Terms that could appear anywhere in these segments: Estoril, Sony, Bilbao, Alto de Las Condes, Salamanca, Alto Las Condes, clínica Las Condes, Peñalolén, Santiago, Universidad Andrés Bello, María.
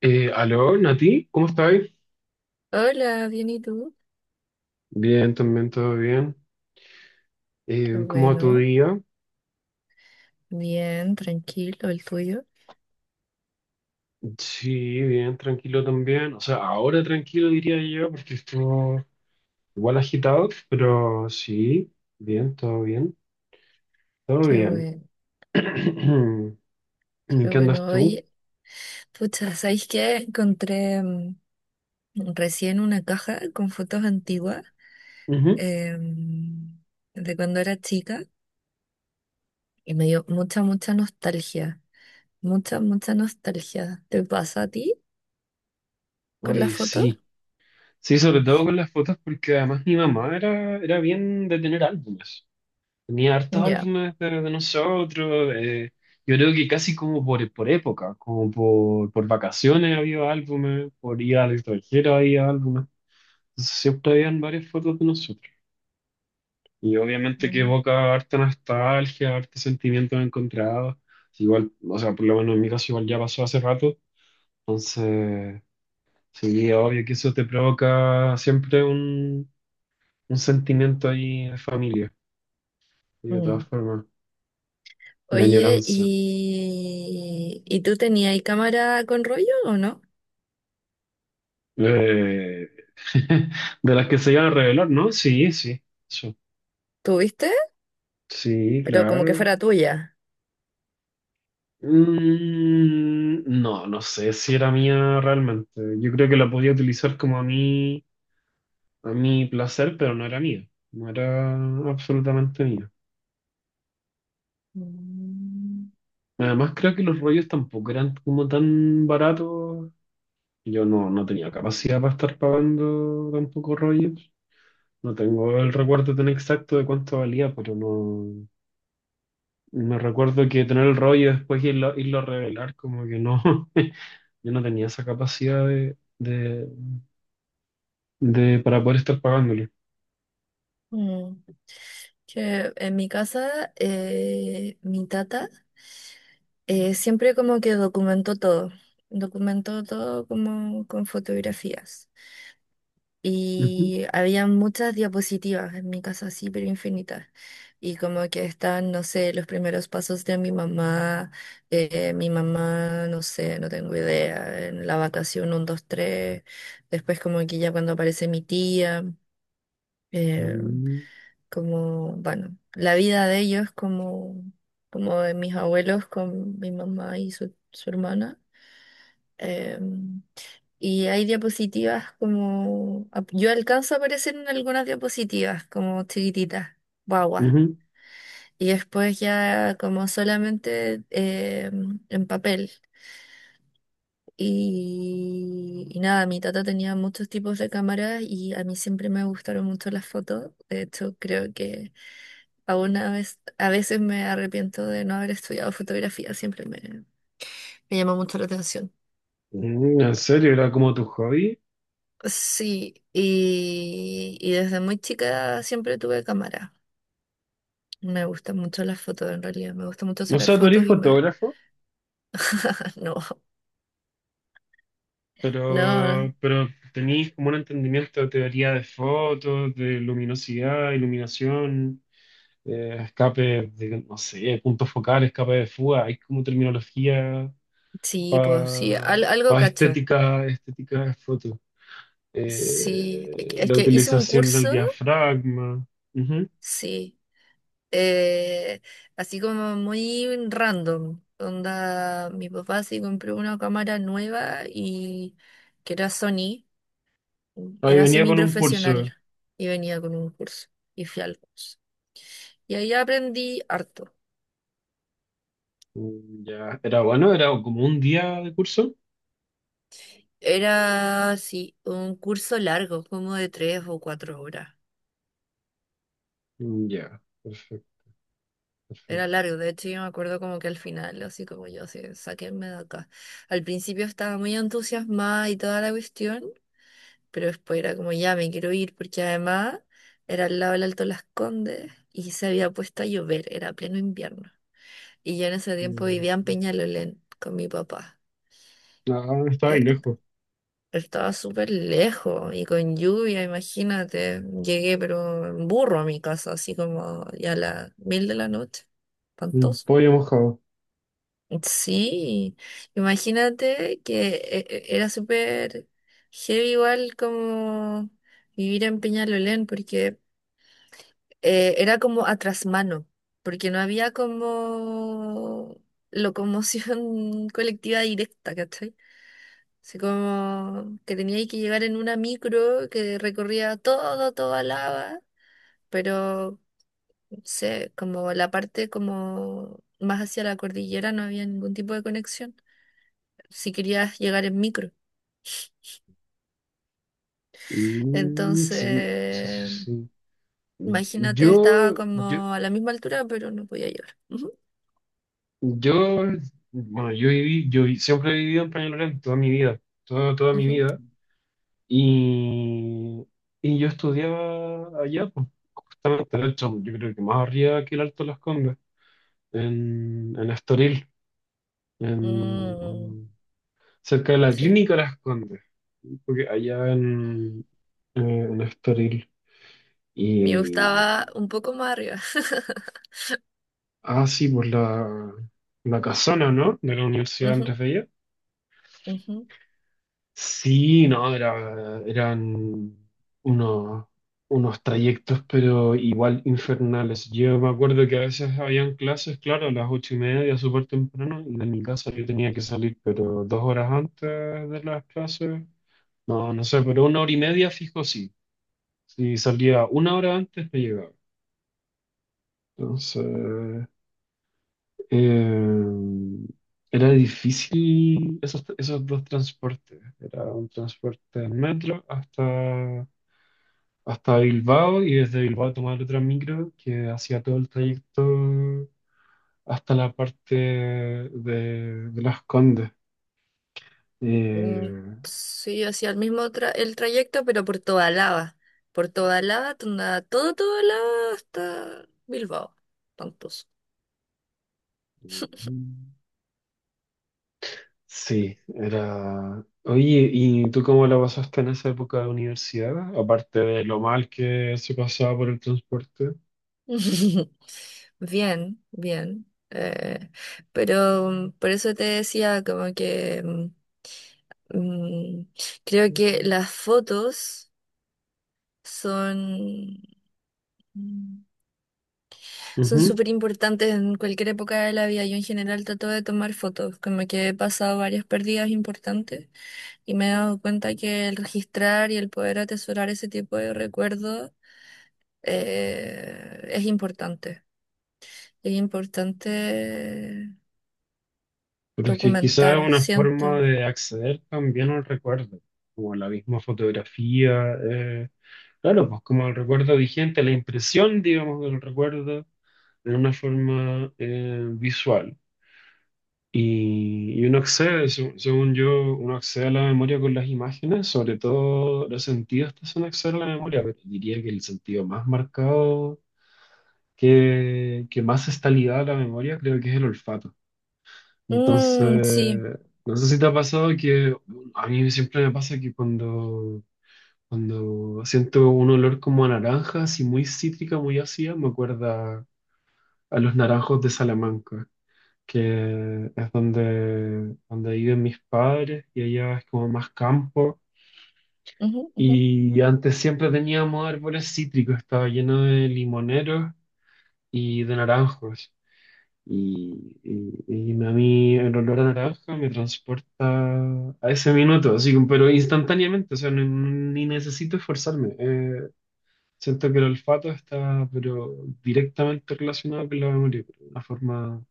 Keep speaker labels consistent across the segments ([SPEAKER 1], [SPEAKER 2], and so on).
[SPEAKER 1] Aló, Nati, ¿cómo estáis?
[SPEAKER 2] Hola, bien, ¿y tú?
[SPEAKER 1] Bien, también todo bien.
[SPEAKER 2] Qué
[SPEAKER 1] ¿Cómo va tu
[SPEAKER 2] bueno,
[SPEAKER 1] día?
[SPEAKER 2] bien, tranquilo, el tuyo.
[SPEAKER 1] Sí, bien, tranquilo también. O sea, ahora tranquilo diría yo, porque estuvo igual agitado, pero sí, bien, todo bien, todo
[SPEAKER 2] Qué
[SPEAKER 1] bien.
[SPEAKER 2] bueno,
[SPEAKER 1] ¿En
[SPEAKER 2] qué
[SPEAKER 1] qué andas
[SPEAKER 2] bueno.
[SPEAKER 1] tú?
[SPEAKER 2] Oye, pucha, ¿sabéis qué? Encontré recién una caja con fotos antiguas
[SPEAKER 1] Ujú.
[SPEAKER 2] em, de cuando era chica y me dio mucha, mucha nostalgia. Mucha, mucha nostalgia. ¿Te pasa a ti con las
[SPEAKER 1] Oye,
[SPEAKER 2] fotos?
[SPEAKER 1] sí. Sí, sobre todo con las fotos, porque además mi mamá era bien de tener álbumes. Tenía hartos
[SPEAKER 2] Ya.
[SPEAKER 1] álbumes de nosotros. Yo creo que casi como por época, como por vacaciones había álbumes, por ir al extranjero había álbumes. Entonces, siempre habían varias fotos de nosotros. Y obviamente que
[SPEAKER 2] Mm.
[SPEAKER 1] evoca harta nostalgia, hartos sentimientos encontrados. Igual, o sea, por lo menos en mi caso igual ya pasó hace rato. Entonces, sí, obvio que eso te provoca siempre un sentimiento ahí de familia, y de todas
[SPEAKER 2] Mm.
[SPEAKER 1] formas, de
[SPEAKER 2] Oye,
[SPEAKER 1] añoranza.
[SPEAKER 2] ¿y tú tenías cámara con rollo o no?
[SPEAKER 1] Eh, de las que se iban a revelar, ¿no? Sí, sí, eso
[SPEAKER 2] ¿Tuviste?
[SPEAKER 1] sí,
[SPEAKER 2] Pero como que
[SPEAKER 1] claro.
[SPEAKER 2] fuera tuya.
[SPEAKER 1] No sé si era mía realmente. Yo creo que la podía utilizar como a mi placer, pero no era mía. No era absolutamente mía.
[SPEAKER 2] Mm.
[SPEAKER 1] Además, creo que los rollos tampoco eran como tan baratos. Yo no tenía capacidad para estar pagando tampoco rollos. No tengo el recuerdo tan exacto de cuánto valía, pero no. Me recuerdo que tener el rollo y después irlo a revelar, como que no, yo no tenía esa capacidad para poder estar pagándolo.
[SPEAKER 2] Mm, Que en mi casa, mi tata siempre como que documentó todo como con fotografías.
[SPEAKER 1] Ujú.
[SPEAKER 2] Y había muchas diapositivas en mi casa, así, pero infinitas. Y como que están, no sé, los primeros pasos de mi mamá, no sé, no tengo idea, en la vacación uno 2 3 después como que ya cuando aparece mi tía. eh,
[SPEAKER 1] Mm,
[SPEAKER 2] Como, bueno, la vida de ellos como, de mis abuelos con mi mamá y su hermana. Em, y hay diapositivas como, yo alcanzo a aparecer en algunas diapositivas como chiquititas, guaguas.
[SPEAKER 1] ujú.
[SPEAKER 2] Y después ya como solamente en papel. Y nada, mi tata tenía muchos tipos de cámaras y a mí siempre me gustaron mucho las fotos. De hecho, creo que aún a veces me arrepiento de no haber estudiado fotografía, siempre me llamó mucho la atención.
[SPEAKER 1] Mm, ¿en serio? ¿Era como tu hobby?
[SPEAKER 2] Sí, y desde muy chica siempre tuve cámara. Me gustan mucho las fotos, en realidad. Me gusta mucho
[SPEAKER 1] O
[SPEAKER 2] sacar
[SPEAKER 1] sea, tú eres
[SPEAKER 2] fotos y me.
[SPEAKER 1] fotógrafo,
[SPEAKER 2] No, no,
[SPEAKER 1] pero tenías como un entendimiento de teoría de fotos, de luminosidad, iluminación, escape de, no sé, punto focal, escape de fuga, hay como terminología
[SPEAKER 2] sí, pues sí,
[SPEAKER 1] para
[SPEAKER 2] algo cacho.
[SPEAKER 1] estética, estética de foto.
[SPEAKER 2] Sí, es que
[SPEAKER 1] La
[SPEAKER 2] hice un
[SPEAKER 1] utilización del
[SPEAKER 2] curso,
[SPEAKER 1] diafragma. Ujú.
[SPEAKER 2] sí. eh, Así como muy random. Onda, mi papá sí compró una cámara nueva y que era Sony, y
[SPEAKER 1] Ahí
[SPEAKER 2] era
[SPEAKER 1] venía con un curso.
[SPEAKER 2] semiprofesional y venía con un curso y fui al curso. Y ahí aprendí harto.
[SPEAKER 1] Mm, ya, era bueno, era como un día de curso.
[SPEAKER 2] Era, sí, un curso largo, como de 3 o 4 horas.
[SPEAKER 1] Mm, ya, perfecto,
[SPEAKER 2] Era
[SPEAKER 1] perfecto.
[SPEAKER 2] largo, de hecho yo me acuerdo como que al final, así como yo, así, sáquenme de acá. Al principio estaba muy entusiasmada y toda la cuestión, pero después era como, ya me quiero ir, porque además era al lado del Alto Las Condes y se había puesto a llover, era pleno invierno. Y yo en ese tiempo
[SPEAKER 1] Mm,
[SPEAKER 2] vivía en Peñalolén con mi papá.
[SPEAKER 1] ah, estaba ahí
[SPEAKER 2] Eh,
[SPEAKER 1] lejos.
[SPEAKER 2] Estaba súper lejos y con lluvia, imagínate. Llegué, pero en burro a mi casa, así como ya a las mil de la noche.
[SPEAKER 1] Mm,
[SPEAKER 2] Espantoso.
[SPEAKER 1] pollo mojado.
[SPEAKER 2] Sí, imagínate que era súper heavy igual como vivir en Peñalolén, porque era como a trasmano, porque no había como locomoción colectiva directa, ¿cachai? Así como que tenía que llegar en una micro que recorría todo, toda Lava, pero no sé, como la parte como más hacia la cordillera no había ningún tipo de conexión, si querías llegar en micro.
[SPEAKER 1] Mm, sí, sí, sí,
[SPEAKER 2] Entonces,
[SPEAKER 1] sí.
[SPEAKER 2] imagínate,
[SPEAKER 1] Yo,
[SPEAKER 2] estaba
[SPEAKER 1] yo,
[SPEAKER 2] como a la misma altura, pero no podía llegar. Ujú,
[SPEAKER 1] yo, bueno, yo viví, yo vi- siempre he vivido en Peñalolén toda mi vida, toda, toda mi
[SPEAKER 2] ujú.
[SPEAKER 1] vida. Y, y yo estudiaba allá, pues, justamente, de hecho, yo creo que más arriba que el Alto de Las Condes, en Estoril,
[SPEAKER 2] Mm.
[SPEAKER 1] en- cerca de la
[SPEAKER 2] Sí,
[SPEAKER 1] clínica Las Condes, porque allá eh, en Estoril.
[SPEAKER 2] me
[SPEAKER 1] Y,
[SPEAKER 2] gustaba un poco más arriba.
[SPEAKER 1] ah, sí, pues la casona, ¿no? De la Universidad Andrés
[SPEAKER 2] Ujú,
[SPEAKER 1] Bello.
[SPEAKER 2] ujú.
[SPEAKER 1] Sí, no, era, eran unos, unos trayectos, pero igual infernales. Yo me acuerdo que a veces habían clases, claro, a las ocho y media, súper temprano, y de mi casa yo tenía que salir, pero dos horas antes de las clases, no, no sé, pero una hora y media fijo sí. Si salía una hora antes, me llegaba. Entonces, eh, era difícil esos dos transportes. Era un transporte en metro hasta Bilbao y desde Bilbao tomar otra micro que hacía todo el trayecto hasta la parte de Las Condes.
[SPEAKER 2] Mm,
[SPEAKER 1] Eh,
[SPEAKER 2] sí, hacía el mismo el trayecto, pero por toda lava. Por toda lava, todo, lava hasta Bilbao. Tantos.
[SPEAKER 1] sí, era... Oye, ¿y tú cómo la pasaste en esa época de universidad? Aparte de lo mal que se pasaba por el transporte.
[SPEAKER 2] Bien, bien. Pero por eso te decía como que mm, creo que las fotos son
[SPEAKER 1] Ujú.
[SPEAKER 2] súper importantes en cualquier época de la vida. Yo en general trato de tomar fotos, como que he pasado varias pérdidas importantes y me he dado cuenta que el registrar y el poder atesorar ese tipo de recuerdos es importante. Es importante
[SPEAKER 1] Pero es que quizás es
[SPEAKER 2] documentar,
[SPEAKER 1] una
[SPEAKER 2] siento.
[SPEAKER 1] forma de acceder también al recuerdo, como la misma fotografía. Claro, pues como el recuerdo vigente, la impresión, digamos, del recuerdo de una forma visual. Y uno accede, según yo, uno accede a la memoria con las imágenes, sobre todo los sentidos te hacen acceder a la memoria, pero diría que el sentido más marcado, que más está ligado a la memoria, creo que es el olfato.
[SPEAKER 2] Mm, sí.
[SPEAKER 1] Entonces, no sé si te ha pasado que a mí siempre me pasa que cuando siento un olor como a naranja, así muy cítrica, muy ácida, me acuerda a los naranjos de Salamanca, que es donde viven mis padres y allá es como más campo.
[SPEAKER 2] Ujú, ujú.
[SPEAKER 1] Y antes siempre teníamos árboles cítricos, estaba lleno de limoneros y de naranjos. Y, y- y a mí el olor a naranja me transporta a ese minuto, así, como- pero instantáneamente, o sea, ni necesito esforzarme. Siento que el olfato está, pero directamente relacionado con la memoria, pero de una forma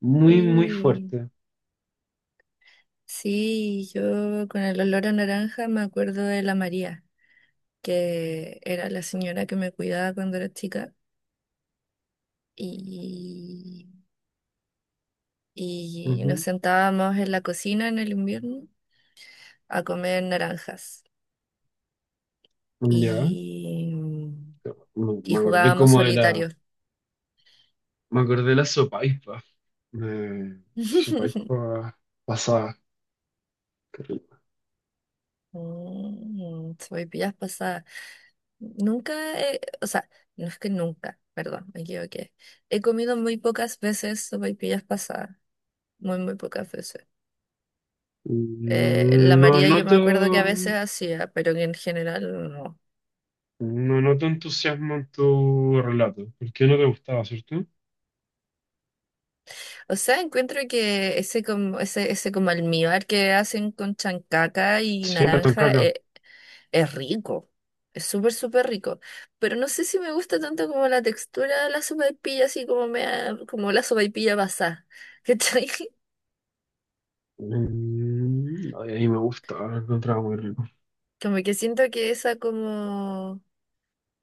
[SPEAKER 1] muy, muy
[SPEAKER 2] Sí.
[SPEAKER 1] fuerte.
[SPEAKER 2] Sí, yo con el olor a naranja me acuerdo de la María, que era la señora que me cuidaba cuando era chica. y, y nos
[SPEAKER 1] Ujú.
[SPEAKER 2] sentábamos en la cocina en el invierno a comer naranjas
[SPEAKER 1] Ya,
[SPEAKER 2] y, y
[SPEAKER 1] me acordé
[SPEAKER 2] jugábamos
[SPEAKER 1] como de
[SPEAKER 2] solitario.
[SPEAKER 1] me acordé de la sopaippa, de sopaippa pasada. Qué rico.
[SPEAKER 2] Soy pillas pasadas. Nunca, o sea, no es que nunca, perdón, me equivoqué. He comido muy pocas veces sopaipillas pasadas, muy, muy pocas veces. La
[SPEAKER 1] No
[SPEAKER 2] María yo me
[SPEAKER 1] noto,
[SPEAKER 2] acuerdo que a veces hacía, pero que en general no.
[SPEAKER 1] no noto entusiasmo en tu relato, porque no te gustaba, ¿cierto?
[SPEAKER 2] O sea, encuentro que ese como, ese como almíbar que hacen con chancaca y
[SPEAKER 1] Sí, la
[SPEAKER 2] naranja
[SPEAKER 1] toncaca.
[SPEAKER 2] es, rico. Es súper, súper rico. Pero no sé si me gusta tanto como la textura de la sopaipilla, así como como la sopaipilla basada. ¿Cachai?
[SPEAKER 1] Mm, ay, a mí me gusta, lo encontraba muy rico.
[SPEAKER 2] Como que siento que esa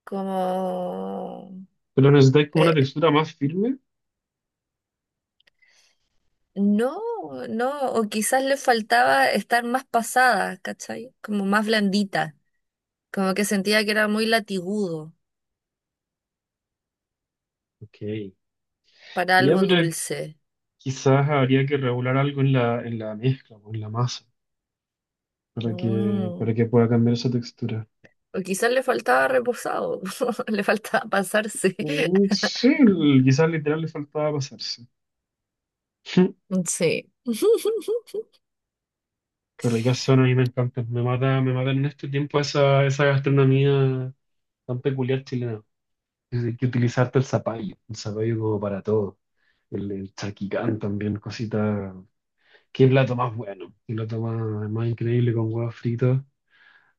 [SPEAKER 2] como,
[SPEAKER 1] ¿Pero necesitáis como una
[SPEAKER 2] eh,
[SPEAKER 1] textura más firme?
[SPEAKER 2] no, no, o quizás le faltaba estar más pasada, ¿cachai? Como más blandita. Como que sentía que era muy latigudo.
[SPEAKER 1] Ok,
[SPEAKER 2] Para
[SPEAKER 1] ya,
[SPEAKER 2] algo
[SPEAKER 1] pero
[SPEAKER 2] dulce.
[SPEAKER 1] quizás habría que regular algo en en la mezcla o en la masa para
[SPEAKER 2] Mm,
[SPEAKER 1] para que pueda cambiar esa textura.
[SPEAKER 2] O quizás le faltaba reposado, le faltaba pasarse.
[SPEAKER 1] Mm, sí, quizás literal le faltaba pasarse.
[SPEAKER 2] Sí.
[SPEAKER 1] Qué ricas son, a mí me encantan. Me mata en este tiempo esa gastronomía tan peculiar chilena. Es- hay que utilizarte el zapallo como para todo. El charquicán también, cosita. Qué plato más bueno, qué plato más, más increíble con huevos fritos.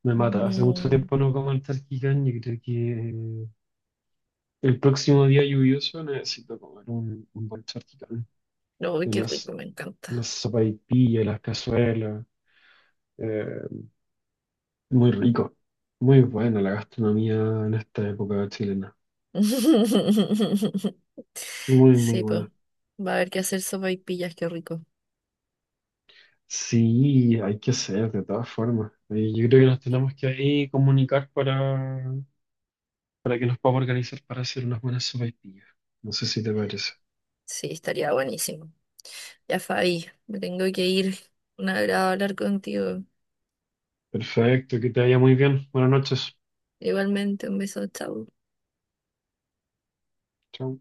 [SPEAKER 1] Me mata. Hace mucho
[SPEAKER 2] Mm,
[SPEAKER 1] tiempo no como el charquicán y creo que eh, el próximo día lluvioso necesito comer un buen charquicán.
[SPEAKER 2] no,
[SPEAKER 1] De
[SPEAKER 2] qué
[SPEAKER 1] Las,
[SPEAKER 2] rico, me
[SPEAKER 1] las
[SPEAKER 2] encanta.
[SPEAKER 1] sopaipillas, las cazuelas. eh, Muy rico. Muy buena la gastronomía en esta época chilena. Muy, muy
[SPEAKER 2] Sí, pues.
[SPEAKER 1] buena.
[SPEAKER 2] Va a haber que hacer sopaipillas, qué rico.
[SPEAKER 1] Sí, hay que hacer de todas formas. Y yo creo que nos tenemos que ahí comunicar para que nos podamos organizar para hacer unas buenas sopaipillas. No sé si te parece.
[SPEAKER 2] Sí, estaría buenísimo. Ya, Fabi, me tengo que ir. Un agrado hablar contigo.
[SPEAKER 1] Perfecto, que te vaya muy bien. Buenas noches.
[SPEAKER 2] Igualmente, un beso, chao.
[SPEAKER 1] Chao.